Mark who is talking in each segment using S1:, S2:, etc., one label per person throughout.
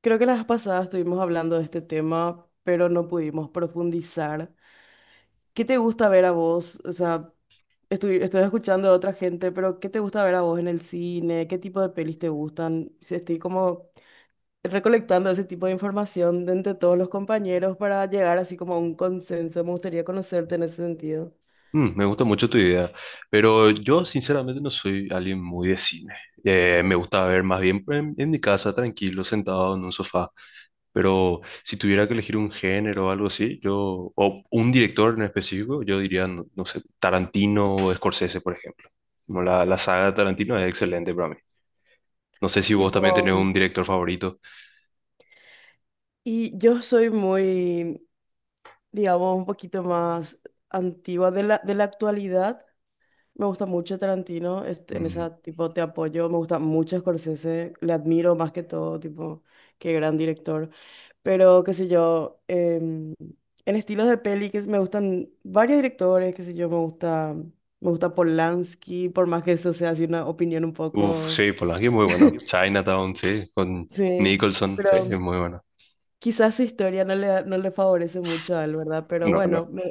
S1: Creo que las pasadas estuvimos hablando de este tema, pero no pudimos profundizar. ¿Qué te gusta ver a vos? O sea, estoy escuchando a otra gente, pero ¿qué te gusta ver a vos en el cine? ¿Qué tipo de pelis te gustan? Estoy como recolectando ese tipo de información de entre todos los compañeros para llegar así como a un consenso. Me gustaría conocerte en ese sentido.
S2: Mm, me gusta mucho tu idea, pero yo sinceramente no soy alguien muy de cine. Me gusta ver más bien en mi casa, tranquilo, sentado en un sofá. Pero si tuviera que elegir un género o algo así, yo, o un director en específico, yo diría, no, no sé, Tarantino o Scorsese, por ejemplo. Como la saga de Tarantino es excelente para mí. No sé si vos también
S1: Tipo,
S2: tenés un director favorito.
S1: y yo soy muy, digamos, un poquito más antigua de la actualidad. Me gusta mucho Tarantino, en
S2: Mm.
S1: esa tipo te apoyo, me gusta mucho Scorsese, le admiro más que todo, tipo, qué gran director. Pero, qué sé yo, en estilos de peli que me gustan varios directores, qué sé yo, me gusta Polanski, por más que eso sea así una opinión un
S2: Uf,
S1: poco,
S2: sí, Polanski es muy bueno. Chinatown, sí, con
S1: sí,
S2: Nicholson, sí, es
S1: pero
S2: muy bueno.
S1: quizás su historia no le favorece mucho a él, ¿verdad? Pero
S2: No, no.
S1: bueno, me,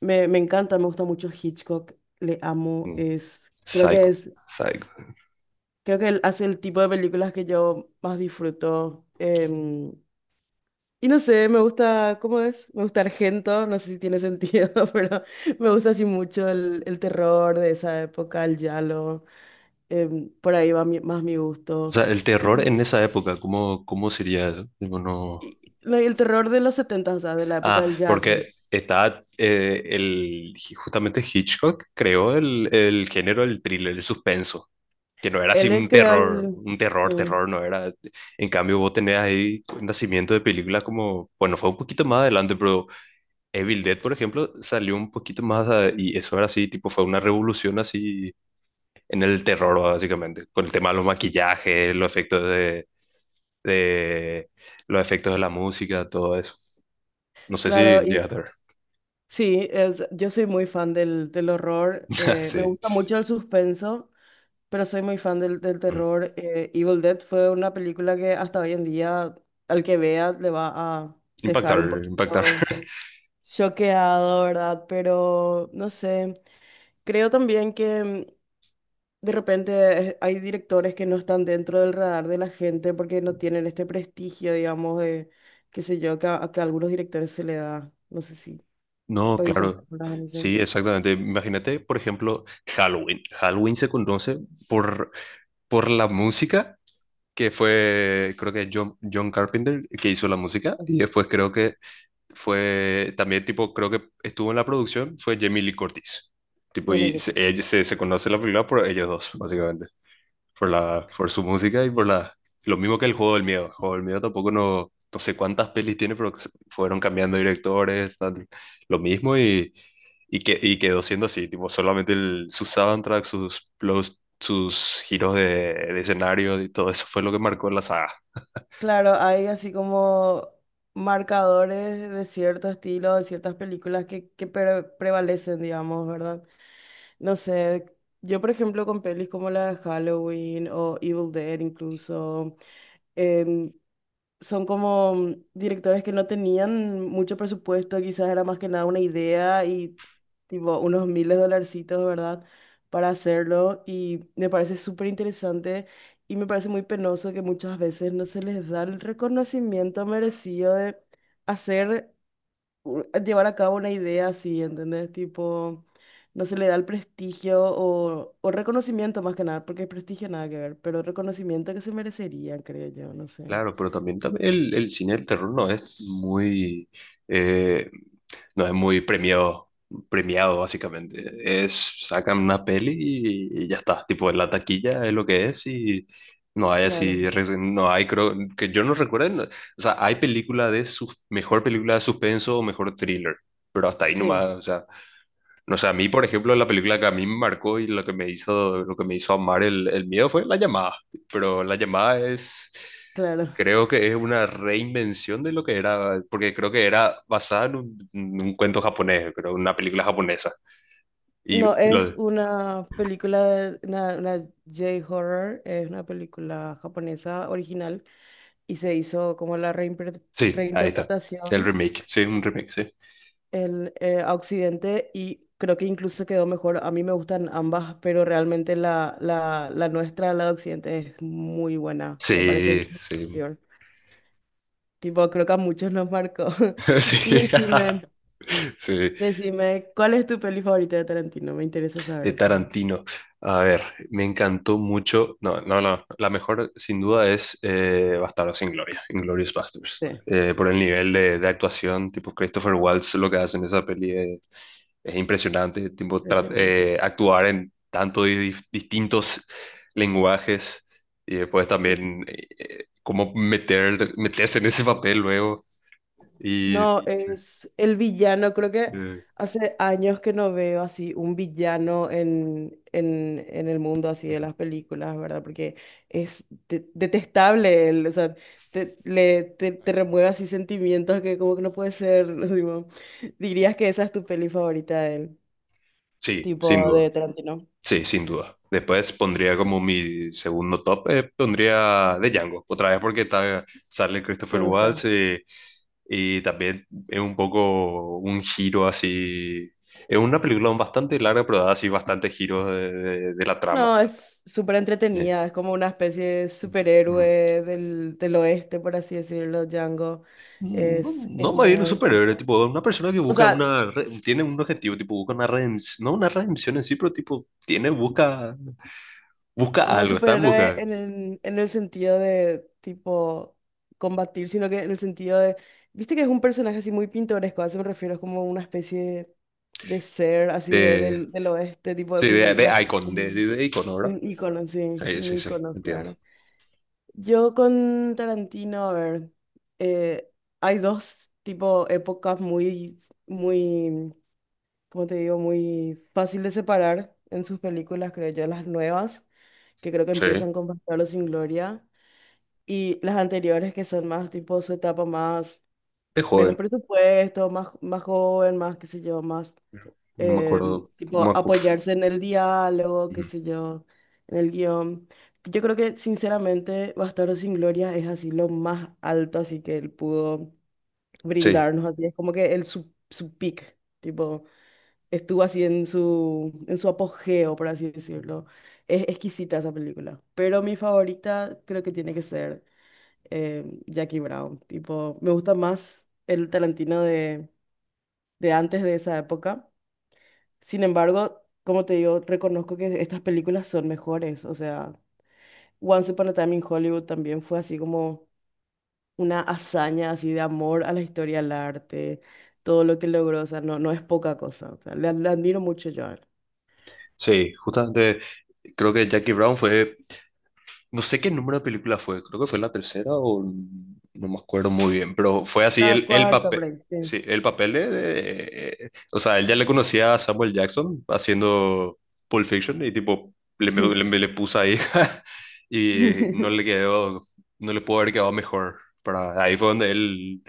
S1: me, me encanta, me gusta mucho Hitchcock, le amo.
S2: mm, Psycho.
S1: Es
S2: Psycho.
S1: Creo que él hace el tipo de películas que yo más disfruto. Y no sé, me gusta, ¿cómo es? Me gusta Argento, no sé si tiene sentido, pero me gusta así mucho el terror de esa época, el giallo. Por ahí va más mi
S2: O
S1: gusto.
S2: sea, el terror
S1: Y,
S2: en esa época, ¿cómo, cómo sería eso? Tipo, no...
S1: no, y el terror de los 70, o sea, de la época
S2: Ah,
S1: del giallo.
S2: porque justamente Hitchcock creó el género del thriller, el suspenso, que no era así
S1: Él creó el...
S2: un
S1: Sí,
S2: terror, terror, no era. En cambio, vos tenés ahí un nacimiento de películas como, bueno, fue un poquito más adelante, pero Evil Dead, por ejemplo, salió un poquito y eso era así, tipo, fue una revolución así en el terror, básicamente, con el tema de los maquillajes, los efectos de los efectos de la música, todo eso. No sé si
S1: claro.
S2: llegaste a ver.
S1: Sí, yo soy muy fan del horror, me
S2: Sí.
S1: gusta mucho el suspenso, pero soy muy fan del
S2: Mm.
S1: terror. Evil Dead fue una película que hasta hoy en día al que vea le va a
S2: Impactar,
S1: dejar un
S2: impactar.
S1: poquito choqueado, ¿verdad? Pero no sé, creo también que de repente hay directores que no están dentro del radar de la gente porque no tienen este prestigio, digamos, de, qué sé yo, que a algunos directores se le da. No sé si
S2: No,
S1: pensás
S2: claro.
S1: en eso.
S2: Sí, exactamente. Imagínate, por ejemplo, Halloween. Halloween se conoce por, por la música que fue, creo que John Carpenter que hizo la música y después creo que fue también tipo, creo que estuvo en la producción, fue Jamie Lee Curtis. Tipo,
S1: Ya me ubico.
S2: se conoce la película por ellos dos, básicamente. Por por su música y por lo mismo que el juego del miedo. El juego del miedo tampoco no, no sé cuántas pelis tiene, fueron cambiando directores, tal, lo mismo y quedó siendo así, tipo, solamente sus soundtracks, sus giros de escenario y todo eso fue lo que marcó la saga.
S1: Claro, hay así como marcadores de cierto estilo, de ciertas películas que, prevalecen, digamos, ¿verdad? No sé, yo por ejemplo con pelis como la de Halloween o Evil Dead incluso, em, son como directores que no tenían mucho presupuesto, quizás era más que nada una idea y tipo unos miles de dolarcitos, ¿verdad? Para hacerlo y me parece súper interesante y me parece muy penoso que muchas veces no se les da el reconocimiento merecido de hacer, llevar a cabo una idea así, ¿entendés? Tipo, no se le da el prestigio o reconocimiento más que nada, porque el prestigio nada que ver, pero reconocimiento que se merecería, creo yo, no sé.
S2: Claro, pero también, también el cine del terror no es muy, eh, no es muy premiado, premiado básicamente. Es, sacan una peli y ya está. Tipo, en la taquilla es lo que es y no hay
S1: Claro.
S2: así, no hay, creo, que yo no recuerdo. O sea, hay película de sus, mejor película de suspenso o mejor thriller, pero hasta ahí
S1: Sí,
S2: nomás, no sé, a mí, por ejemplo, la película que a mí me marcó y lo que me hizo, lo que me hizo amar el miedo fue La Llamada. Pero La Llamada es,
S1: claro.
S2: creo que es una reinvención de lo que era, porque creo que era basada en en un cuento japonés, creo, una película japonesa.
S1: No,
S2: Y
S1: es
S2: lo,
S1: una película, una J-horror, es una película japonesa original y se hizo como la
S2: sí, ahí está. El
S1: reinterpretación
S2: remake, sí, un remake, sí.
S1: a Occidente y creo que incluso quedó mejor. A mí me gustan ambas, pero realmente la nuestra, la de Occidente, es muy buena, me parece
S2: Sí,
S1: muy
S2: sí,
S1: superior. Tipo, creo que a muchos nos marcó. Y
S2: sí,
S1: decime,
S2: sí.
S1: decime, ¿cuál es tu peli favorita de Tarantino? Me interesa saber
S2: De
S1: eso.
S2: Tarantino. A ver, me encantó mucho. No, no, no. La mejor, sin duda, es Bastardos sin Gloria, Inglourious
S1: Sí.
S2: Basterds. Por el nivel de actuación, tipo Christopher Waltz, lo que hace en esa peli es impresionante. Tipo,
S1: Impresionante.
S2: actuar en tantos distintos lenguajes y después
S1: Y-
S2: también cómo meter, meterse en ese papel luego. Y
S1: No, es el villano, creo que
S2: eh,
S1: hace años que no veo así un villano en, en el mundo así de
S2: ujú.
S1: las películas, ¿verdad? Porque es detestable él, o sea, te remueve así sentimientos que como que no puede ser, digo, dirías que esa es tu peli favorita de él,
S2: Sí, sin
S1: tipo
S2: duda.
S1: de Tarantino.
S2: Sí, sin duda. Después pondría como mi segundo top, pondría de Django, otra vez porque está, sale Christopher
S1: ¿Te gusta?
S2: Waltz y también es un poco un giro así. Es una película bastante larga, pero da así bastantes giros de la trama.
S1: No, es súper
S2: Eh,
S1: entretenida, es como una especie de
S2: ujú.
S1: superhéroe del oeste, por así decirlo, Django.
S2: No,
S1: Es
S2: no más bien un
S1: genial,
S2: superhéroe,
S1: tipo.
S2: tipo una persona que
S1: O
S2: busca
S1: sea,
S2: una, tiene un objetivo, tipo busca una redención, no una redención en sí, pero tipo tiene, busca, busca
S1: no
S2: algo, está en
S1: superhéroe
S2: busca
S1: en el sentido de tipo combatir, sino que en el sentido de, viste que es un personaje así muy pintoresco, a eso me refiero, es como una especie de ser así de,
S2: de,
S1: del, del oeste, tipo
S2: sí, de Icon,
S1: un,
S2: de Icon, ¿no, ¿verdad?
S1: un ícono, sí,
S2: Sí,
S1: un
S2: sí, sí,
S1: ícono,
S2: entiendo.
S1: claro. Yo con Tarantino, a ver, eh, hay dos tipo épocas muy, muy, ¿cómo te digo? Muy fácil de separar en sus películas, creo yo, las nuevas, que creo que
S2: Sí,
S1: empiezan con Bastardos sin Gloria, y las anteriores que son más tipo su etapa más,
S2: de
S1: menos
S2: joven,
S1: presupuesto, más joven, más, qué sé yo, más,
S2: no me acuerdo. No
S1: tipo
S2: me acu-
S1: apoyarse en el diálogo, qué
S2: Ujú.
S1: sé yo, en el guión. Yo creo que sinceramente Bastardo sin Gloria es así lo más alto, así que él pudo
S2: Sí,
S1: brindarnos así. Es como que su peak, tipo, estuvo así en su apogeo, por así decirlo. Es exquisita esa película, pero mi favorita creo que tiene que ser, Jackie Brown. Tipo, me gusta más el Tarantino de antes de esa época, sin embargo, como te digo, reconozco que estas películas son mejores. O sea, Once Upon a Time in Hollywood también fue así como una hazaña así de amor a la historia, al arte, todo lo que logró. O sea, no, no es poca cosa. O sea, le admiro mucho yo a él.
S2: sí, justamente creo que Jackie Brown fue. No sé qué número de película fue, creo que fue la tercera o no me acuerdo muy bien, pero fue así
S1: La
S2: el
S1: cuarta,
S2: papel,
S1: por ahí, sí.
S2: sí, el papel o sea, él ya le conocía a Samuel Jackson haciendo Pulp Fiction y tipo,
S1: Sí.
S2: le puso ahí y no le quedó, no le pudo haber quedado mejor. Para, ahí fue donde él,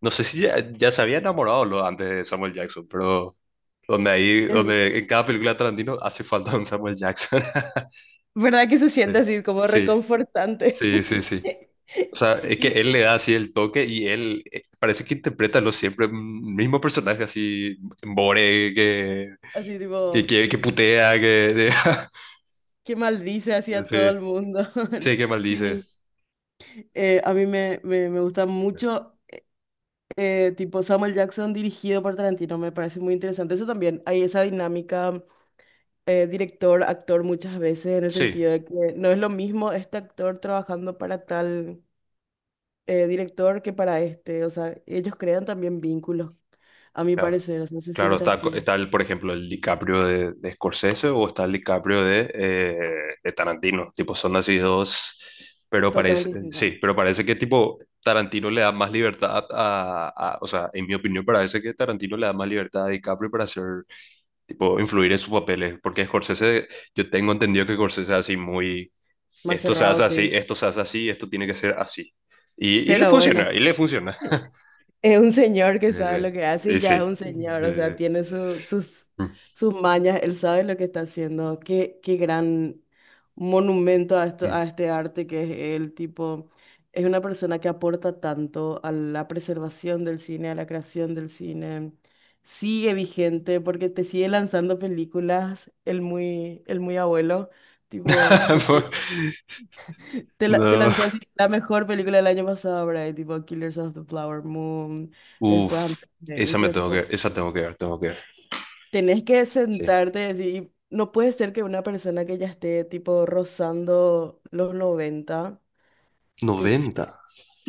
S2: no sé si ya, ya se había enamorado lo, antes de Samuel Jackson, pero donde ahí,
S1: Es
S2: donde en cada película de Tarantino hace falta un Samuel Jackson.
S1: verdad que se
S2: Sí,
S1: siente así como
S2: sí,
S1: reconfortante.
S2: sí, sí, sí. O sea, es que
S1: Y
S2: él le da así el toque y él parece que interpreta lo siempre, mm, mismo personaje así, Bore, que,
S1: así tipo,
S2: que putea, que... de-
S1: qué maldice así a todo
S2: sí,
S1: el mundo.
S2: sí, que
S1: Sí,
S2: maldice.
S1: a mí me gusta mucho, tipo Samuel Jackson dirigido por Tarantino, me parece muy interesante. Eso también, hay esa dinámica, director-actor muchas veces, en el
S2: Sí,
S1: sentido de que no es lo mismo este actor trabajando para tal, director que para este. O sea, ellos crean también vínculos, a mi
S2: claro.
S1: parecer, o sea, se
S2: Claro,
S1: siente
S2: está, co-
S1: así,
S2: está el, por ejemplo, el DiCaprio de Scorsese o está el DiCaprio de Tarantino. Tipo, son así dos, pero parece,
S1: totalmente distinto.
S2: sí, pero parece que tipo Tarantino le da más libertad o sea, en mi opinión parece que Tarantino le da más libertad a DiCaprio para hacer tipo, influir en sus papeles, porque Scorsese, yo tengo entendido que Scorsese es así muy,
S1: Más
S2: esto se
S1: cerrado,
S2: hace así,
S1: sí.
S2: esto se hace así, esto tiene que ser así. Y le
S1: Pero bueno.
S2: funciona, y le funciona.
S1: Es un señor que
S2: Sí,
S1: sabe
S2: sí.
S1: lo que hace y
S2: Y
S1: ya es
S2: sí.
S1: un señor, o sea,
S2: Eh,
S1: tiene su- sus,
S2: mm,
S1: sus mañas, él sabe lo que está haciendo. Qué gran monumento a esto, a
S2: mm.
S1: este arte que es él, tipo, es una persona que aporta tanto a la preservación del cine, a la creación del cine. Sigue vigente porque te sigue lanzando películas, el muy abuelo, tipo, te
S2: No.
S1: lanzó así la mejor película del año pasado, ¿verdad? Tipo Killers of the Flower Moon, después
S2: Uf,
S1: antes de
S2: esa me
S1: eso,
S2: tengo que,
S1: tipo,
S2: esa tengo que ver, tengo que ver.
S1: tenés que
S2: Sí.
S1: sentarte y decir, no puede ser que una persona que ya esté tipo rozando los 90 te, f- te,
S2: Noventa.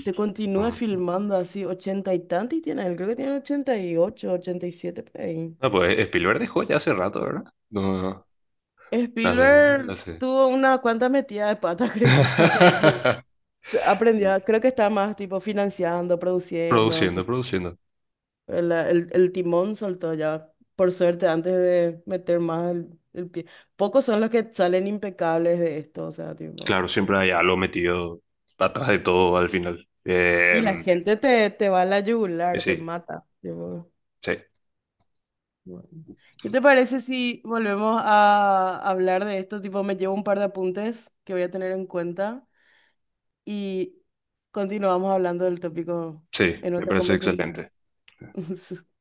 S1: te continúe
S2: Ah,
S1: filmando así ochenta y tantos y tiene, él, creo que tiene 88, 87 por ahí.
S2: no, pues Spielberg dejó ya hace rato, ¿verdad? No, no, no, hace,
S1: Spielberg
S2: hace.
S1: tuvo una cuanta metida de pata, creo yo. Y aprendió, creo que está más tipo financiando, produciendo, que
S2: Produciendo, produciendo.
S1: el timón soltó ya, por suerte, antes de meter más el pie. Pocos son los que salen impecables de esto, o sea, tipo.
S2: Claro, siempre hay algo metido atrás de todo al final.
S1: Y la gente te va a la
S2: Y
S1: yugular, te
S2: sí,
S1: mata, tipo,
S2: sí,
S1: bueno. ¿Qué te parece si volvemos a hablar de esto? Tipo, me llevo un par de apuntes que voy a tener en cuenta y continuamos hablando del tópico
S2: sí,
S1: en
S2: me
S1: otra
S2: parece
S1: conversación.
S2: excelente.